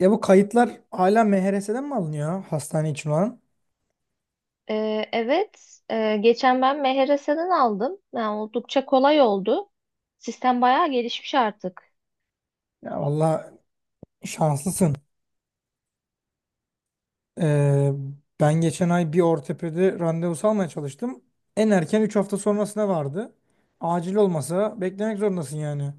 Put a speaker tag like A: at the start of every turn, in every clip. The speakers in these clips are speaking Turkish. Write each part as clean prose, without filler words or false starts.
A: Ya bu kayıtlar hala MHRS'den mi alınıyor ya, hastane için olan?
B: Evet, geçen ben MHRS'den aldım. Yani oldukça kolay oldu. Sistem bayağı gelişmiş artık.
A: Ya valla şanslısın. Ee, Ben geçen ay bir ortopedi randevusu almaya çalıştım. En erken 3 hafta sonrasına vardı. Acil olmasa beklemek zorundasın yani.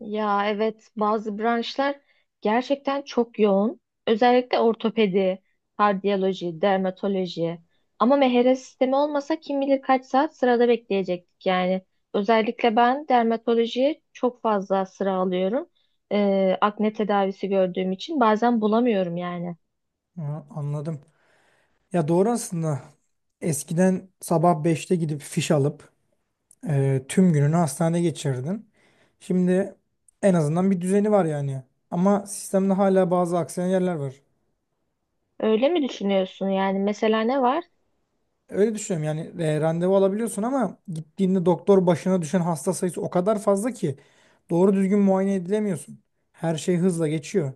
B: Ya evet, bazı branşlar gerçekten çok yoğun. Özellikle ortopedi, kardiyoloji, dermatoloji. Ama MHRS sistemi olmasa kim bilir kaç saat sırada bekleyecektik yani. Özellikle ben dermatolojiye çok fazla sıra alıyorum. Akne tedavisi gördüğüm için bazen bulamıyorum yani.
A: Ha, anladım. Ya doğru aslında. Eskiden sabah 5'te gidip fiş alıp tüm gününü hastanede geçirirdin. Şimdi en azından bir düzeni var yani. Ama sistemde hala bazı aksayan yerler var.
B: Öyle mi düşünüyorsun? Yani mesela ne var?
A: Öyle düşünüyorum yani randevu alabiliyorsun ama gittiğinde doktor başına düşen hasta sayısı o kadar fazla ki doğru düzgün muayene edilemiyorsun. Her şey hızla geçiyor.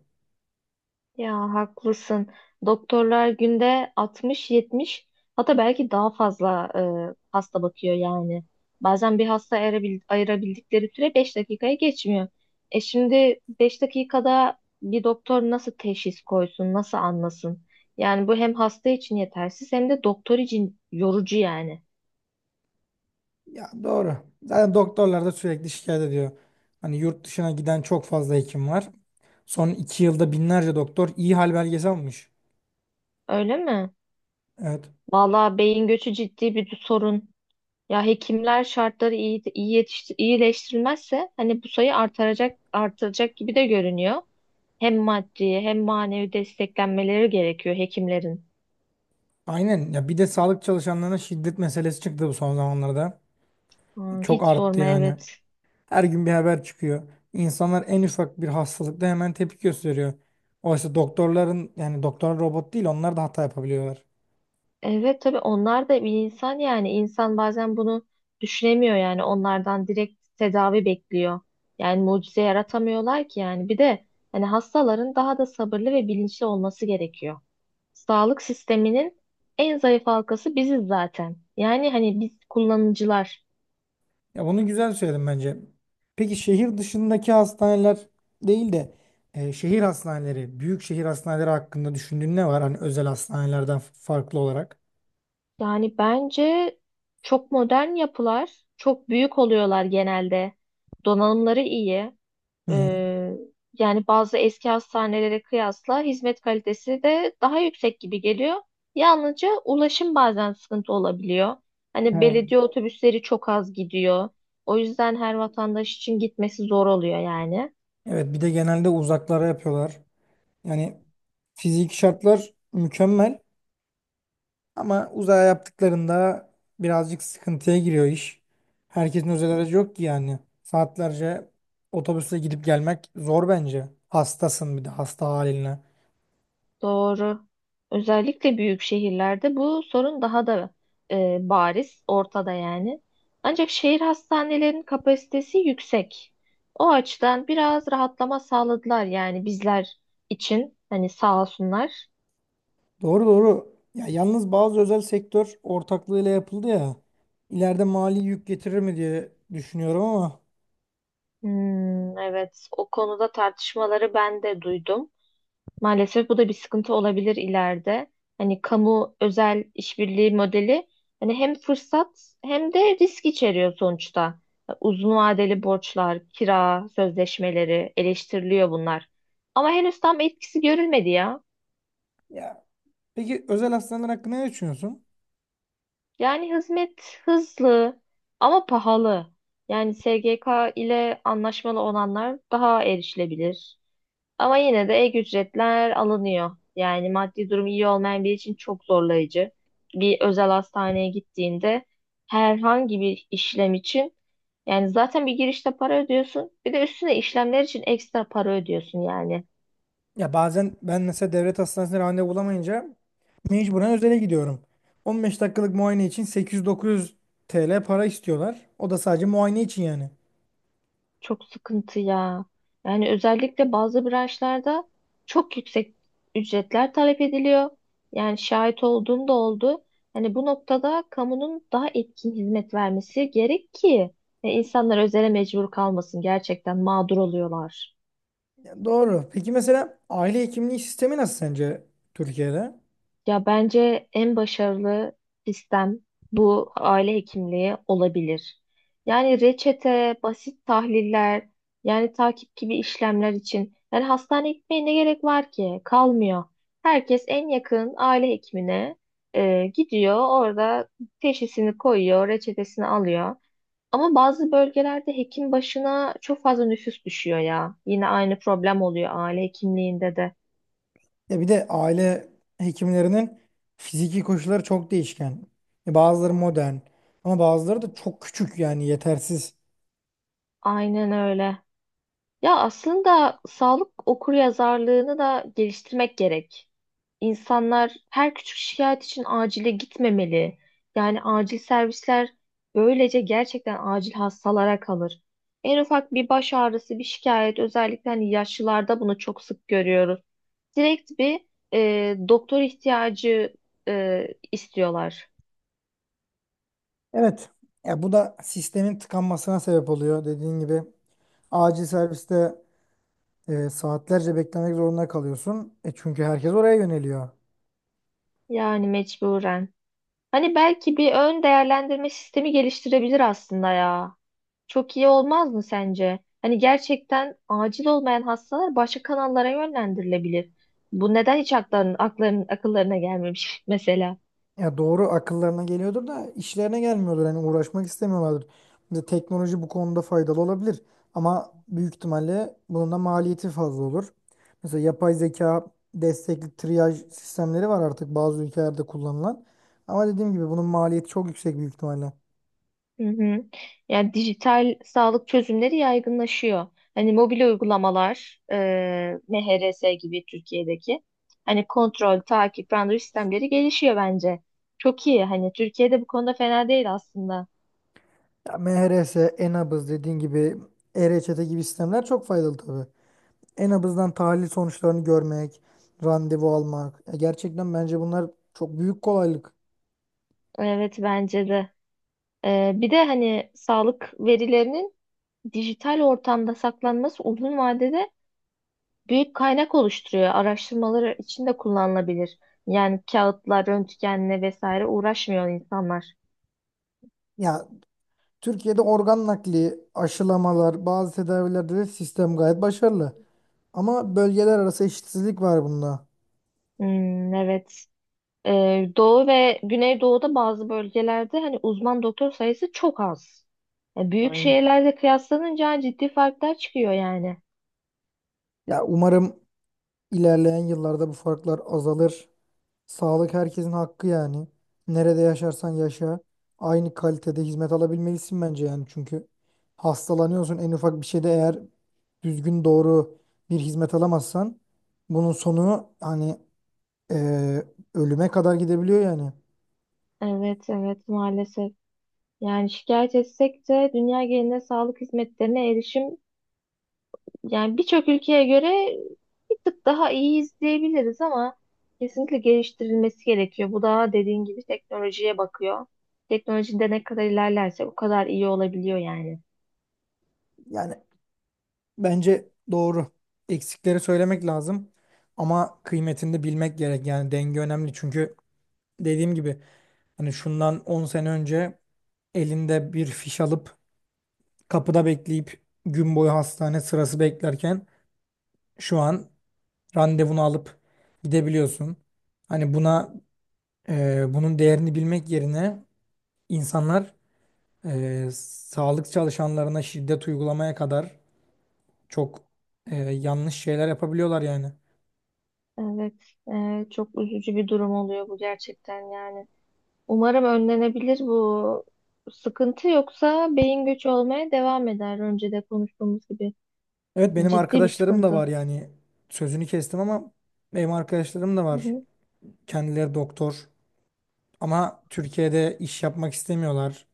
B: Ya haklısın. Doktorlar günde 60-70, hatta belki daha fazla hasta bakıyor yani. Bazen bir hasta ayırabildikleri süre 5 dakikaya geçmiyor. Şimdi 5 dakikada bir doktor nasıl teşhis koysun, nasıl anlasın? Yani bu hem hasta için yetersiz hem de doktor için yorucu yani.
A: Ya doğru. Zaten doktorlar da sürekli şikayet ediyor. Hani yurt dışına giden çok fazla hekim var. Son 2 yılda binlerce doktor iyi hal belgesi almış.
B: Öyle mi?
A: Evet.
B: Vallahi beyin göçü ciddi bir sorun. Ya hekimler şartları iyileştirilmezse hani bu sayı artıracak gibi de görünüyor. Hem maddi hem manevi desteklenmeleri gerekiyor hekimlerin.
A: Aynen. Ya bir de sağlık çalışanlarına şiddet meselesi çıktı bu son zamanlarda. Çok
B: Hiç
A: arttı
B: sorma,
A: yani.
B: evet.
A: Her gün bir haber çıkıyor. İnsanlar en ufak bir hastalıkta hemen tepki gösteriyor. Oysa doktorların yani doktorlar robot değil, onlar da hata yapabiliyorlar.
B: Evet, tabii onlar da bir insan, yani insan bazen bunu düşünemiyor, yani onlardan direkt tedavi bekliyor. Yani mucize yaratamıyorlar ki, yani bir de hani hastaların daha da sabırlı ve bilinçli olması gerekiyor. Sağlık sisteminin en zayıf halkası biziz zaten. Yani hani biz kullanıcılar.
A: Ya bunu güzel söyledim bence. Peki şehir dışındaki hastaneler değil de şehir hastaneleri, büyük şehir hastaneleri hakkında düşündüğün ne var? Hani özel hastanelerden farklı olarak.
B: Yani bence çok modern yapılar, çok büyük oluyorlar genelde. Donanımları iyi.
A: Hı hı.
B: Ee, Yani bazı eski hastanelere kıyasla hizmet kalitesi de daha yüksek gibi geliyor. Yalnızca ulaşım bazen sıkıntı olabiliyor. Hani
A: Ha.
B: belediye otobüsleri çok az gidiyor. O yüzden her vatandaş için gitmesi zor oluyor yani.
A: Evet, bir de genelde uzaklara yapıyorlar. Yani fiziki şartlar mükemmel. Ama uzaya yaptıklarında birazcık sıkıntıya giriyor iş. Herkesin özel aracı yok ki yani. Saatlerce otobüsle gidip gelmek zor bence. Hastasın bir de hasta haline.
B: Doğru. Özellikle büyük şehirlerde bu sorun daha da bariz, ortada yani. Ancak şehir hastanelerinin kapasitesi yüksek. O açıdan biraz rahatlama sağladılar yani bizler için. Hani sağ olsunlar.
A: Doğru, doğru. Ya yalnız bazı özel sektör ortaklığıyla yapıldı ya. İleride mali yük getirir mi diye düşünüyorum ama.
B: Hmm, evet, o konuda tartışmaları ben de duydum. Maalesef bu da bir sıkıntı olabilir ileride. Hani kamu özel işbirliği modeli hani hem fırsat hem de risk içeriyor sonuçta. Uzun vadeli borçlar, kira sözleşmeleri eleştiriliyor bunlar. Ama henüz tam etkisi görülmedi ya.
A: Ya peki özel hastaneler hakkında ne düşünüyorsun?
B: Yani hizmet hızlı ama pahalı. Yani SGK ile anlaşmalı olanlar daha erişilebilir. Ama yine de ek ücretler alınıyor. Yani maddi durum iyi olmayan biri için çok zorlayıcı. Bir özel hastaneye gittiğinde herhangi bir işlem için yani zaten bir girişte para ödüyorsun. Bir de üstüne işlemler için ekstra para ödüyorsun yani.
A: Ya bazen ben mesela devlet hastanesine randevu bulamayınca mecburen özele gidiyorum. 15 dakikalık muayene için 800-900 TL para istiyorlar. O da sadece muayene için yani.
B: Çok sıkıntı ya. Yani özellikle bazı branşlarda çok yüksek ücretler talep ediliyor. Yani şahit olduğum da oldu. Hani bu noktada kamunun daha etkin hizmet vermesi gerek ki insanlar özele mecbur kalmasın. Gerçekten mağdur oluyorlar.
A: Ya doğru. Peki mesela aile hekimliği sistemi nasıl sence Türkiye'de?
B: Ya bence en başarılı sistem bu aile hekimliği olabilir. Yani reçete, basit tahliller, yani takip gibi işlemler için. Yani hastaneye gitmeye ne gerek var ki? Kalmıyor. Herkes en yakın aile hekimine gidiyor. Orada teşhisini koyuyor, reçetesini alıyor. Ama bazı bölgelerde hekim başına çok fazla nüfus düşüyor ya. Yine aynı problem oluyor aile hekimliğinde de.
A: Ya bir de aile hekimlerinin fiziki koşulları çok değişken. Ya bazıları modern ama bazıları da çok küçük yani yetersiz.
B: Aynen öyle. Ya aslında sağlık okuryazarlığını da geliştirmek gerek. İnsanlar her küçük şikayet için acile gitmemeli. Yani acil servisler böylece gerçekten acil hastalara kalır. En ufak bir baş ağrısı, bir şikayet, özellikle hani yaşlılarda bunu çok sık görüyoruz. Direkt bir doktor ihtiyacı e, istiyorlar.
A: Evet. Ya bu da sistemin tıkanmasına sebep oluyor. Dediğin gibi acil serviste saatlerce beklemek zorunda kalıyorsun. Çünkü herkes oraya yöneliyor.
B: Yani mecburen. Hani belki bir ön değerlendirme sistemi geliştirebilir aslında ya. Çok iyi olmaz mı sence? Hani gerçekten acil olmayan hastalar başka kanallara yönlendirilebilir. Bu neden hiç akıllarına gelmemiş mesela?
A: Ya doğru, akıllarına geliyordur da işlerine gelmiyordur. Hani uğraşmak istemiyorlardır. Şimdi teknoloji bu konuda faydalı olabilir. Ama büyük ihtimalle bunun da maliyeti fazla olur. Mesela yapay zeka destekli triyaj sistemleri var artık, bazı ülkelerde kullanılan. Ama dediğim gibi bunun maliyeti çok yüksek büyük ihtimalle.
B: Hı hı. Yani dijital sağlık çözümleri yaygınlaşıyor. Hani mobil uygulamalar, MHRS gibi Türkiye'deki hani kontrol, takip, randevu sistemleri gelişiyor bence. Çok iyi. Hani Türkiye'de bu konuda fena değil aslında.
A: Ya MHRS, Enabız dediğin gibi e-reçete gibi sistemler çok faydalı tabii. Enabız'dan tahlil sonuçlarını görmek, randevu almak. Ya gerçekten bence bunlar çok büyük kolaylık.
B: Evet, bence de. Bir de hani sağlık verilerinin dijital ortamda saklanması uzun vadede büyük kaynak oluşturuyor. Araştırmaları için de kullanılabilir. Yani kağıtlar, röntgenle vesaire uğraşmıyor insanlar.
A: Ya Türkiye'de organ nakli, aşılamalar, bazı tedavilerde de sistem gayet başarılı. Ama bölgeler arası eşitsizlik var bunda.
B: Hmm, evet. Doğu ve Güneydoğu'da bazı bölgelerde hani uzman doktor sayısı çok az. Büyük
A: Aynen.
B: şehirlerle kıyaslanınca ciddi farklar çıkıyor yani.
A: Ya umarım ilerleyen yıllarda bu farklar azalır. Sağlık herkesin hakkı yani. Nerede yaşarsan yaşa, aynı kalitede hizmet alabilmelisin bence yani. Çünkü hastalanıyorsun en ufak bir şeyde, eğer düzgün doğru bir hizmet alamazsan bunun sonu hani eee, ölüme kadar gidebiliyor yani.
B: Evet, evet, maalesef. Yani şikayet etsek de dünya genelinde sağlık hizmetlerine erişim, yani birçok ülkeye göre bir tık daha iyi izleyebiliriz, ama kesinlikle geliştirilmesi gerekiyor. Bu da dediğin gibi teknolojiye bakıyor. Teknolojide ne kadar ilerlerse o kadar iyi olabiliyor yani.
A: Yani bence doğru. Eksikleri söylemek lazım ama kıymetini de bilmek gerek. Yani denge önemli, çünkü dediğim gibi hani şundan 10 sene önce elinde bir fiş alıp kapıda bekleyip gün boyu hastane sırası beklerken şu an randevunu alıp gidebiliyorsun. Hani buna bunun değerini bilmek yerine insanlar e, sağlık çalışanlarına şiddet uygulamaya kadar çok yanlış şeyler yapabiliyorlar yani.
B: Evet, çok üzücü bir durum oluyor bu gerçekten yani. Umarım önlenebilir bu sıkıntı, yoksa beyin göçü olmaya devam eder. Önce de konuştuğumuz gibi
A: Evet, benim
B: ciddi bir
A: arkadaşlarım da
B: sıkıntı.
A: var yani, sözünü kestim ama benim arkadaşlarım da
B: Hı
A: var.
B: hı,
A: Kendileri doktor ama Türkiye'de iş yapmak istemiyorlar.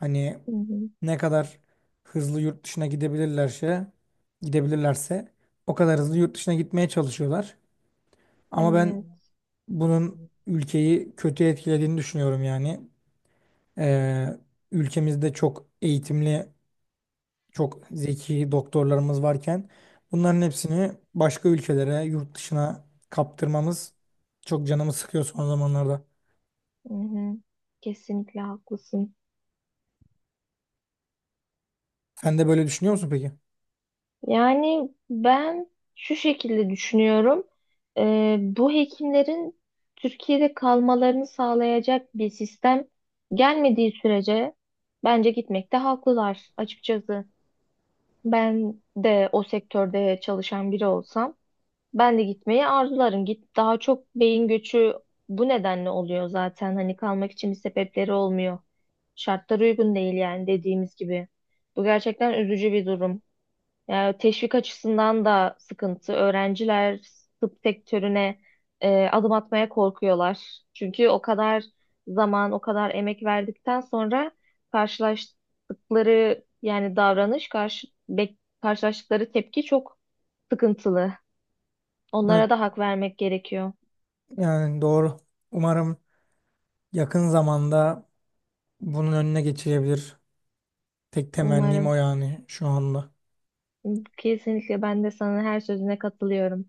A: Hani
B: hı hı.
A: ne kadar hızlı yurt dışına gidebilirlerse gidebilirlerse o kadar hızlı yurt dışına gitmeye çalışıyorlar. Ama ben
B: Evet,
A: bunun ülkeyi kötü etkilediğini düşünüyorum yani. Ee, Ülkemizde çok eğitimli çok zeki doktorlarımız varken bunların hepsini başka ülkelere, yurt dışına kaptırmamız çok canımı sıkıyor son zamanlarda.
B: hı hı. Kesinlikle haklısın.
A: Sen de böyle düşünüyor musun peki?
B: Yani ben şu şekilde düşünüyorum. Bu hekimlerin Türkiye'de kalmalarını sağlayacak bir sistem gelmediği sürece bence gitmekte haklılar açıkçası. Ben de o sektörde çalışan biri olsam ben de gitmeyi arzularım. Daha çok beyin göçü bu nedenle oluyor zaten. Hani kalmak için bir sebepleri olmuyor. Şartlar uygun değil yani dediğimiz gibi. Bu gerçekten üzücü bir durum. Yani teşvik açısından da sıkıntı. Öğrenciler tıp sektörüne adım atmaya korkuyorlar. Çünkü o kadar zaman, o kadar emek verdikten sonra karşılaştıkları yani davranış, karşı, bek- karşılaştıkları tepki çok sıkıntılı.
A: Evet,
B: Onlara da hak vermek gerekiyor.
A: yani doğru. Umarım yakın zamanda bunun önüne geçilebilir. Tek temennim o
B: Umarım.
A: yani şu anda.
B: Kesinlikle ben de sana her sözüne katılıyorum.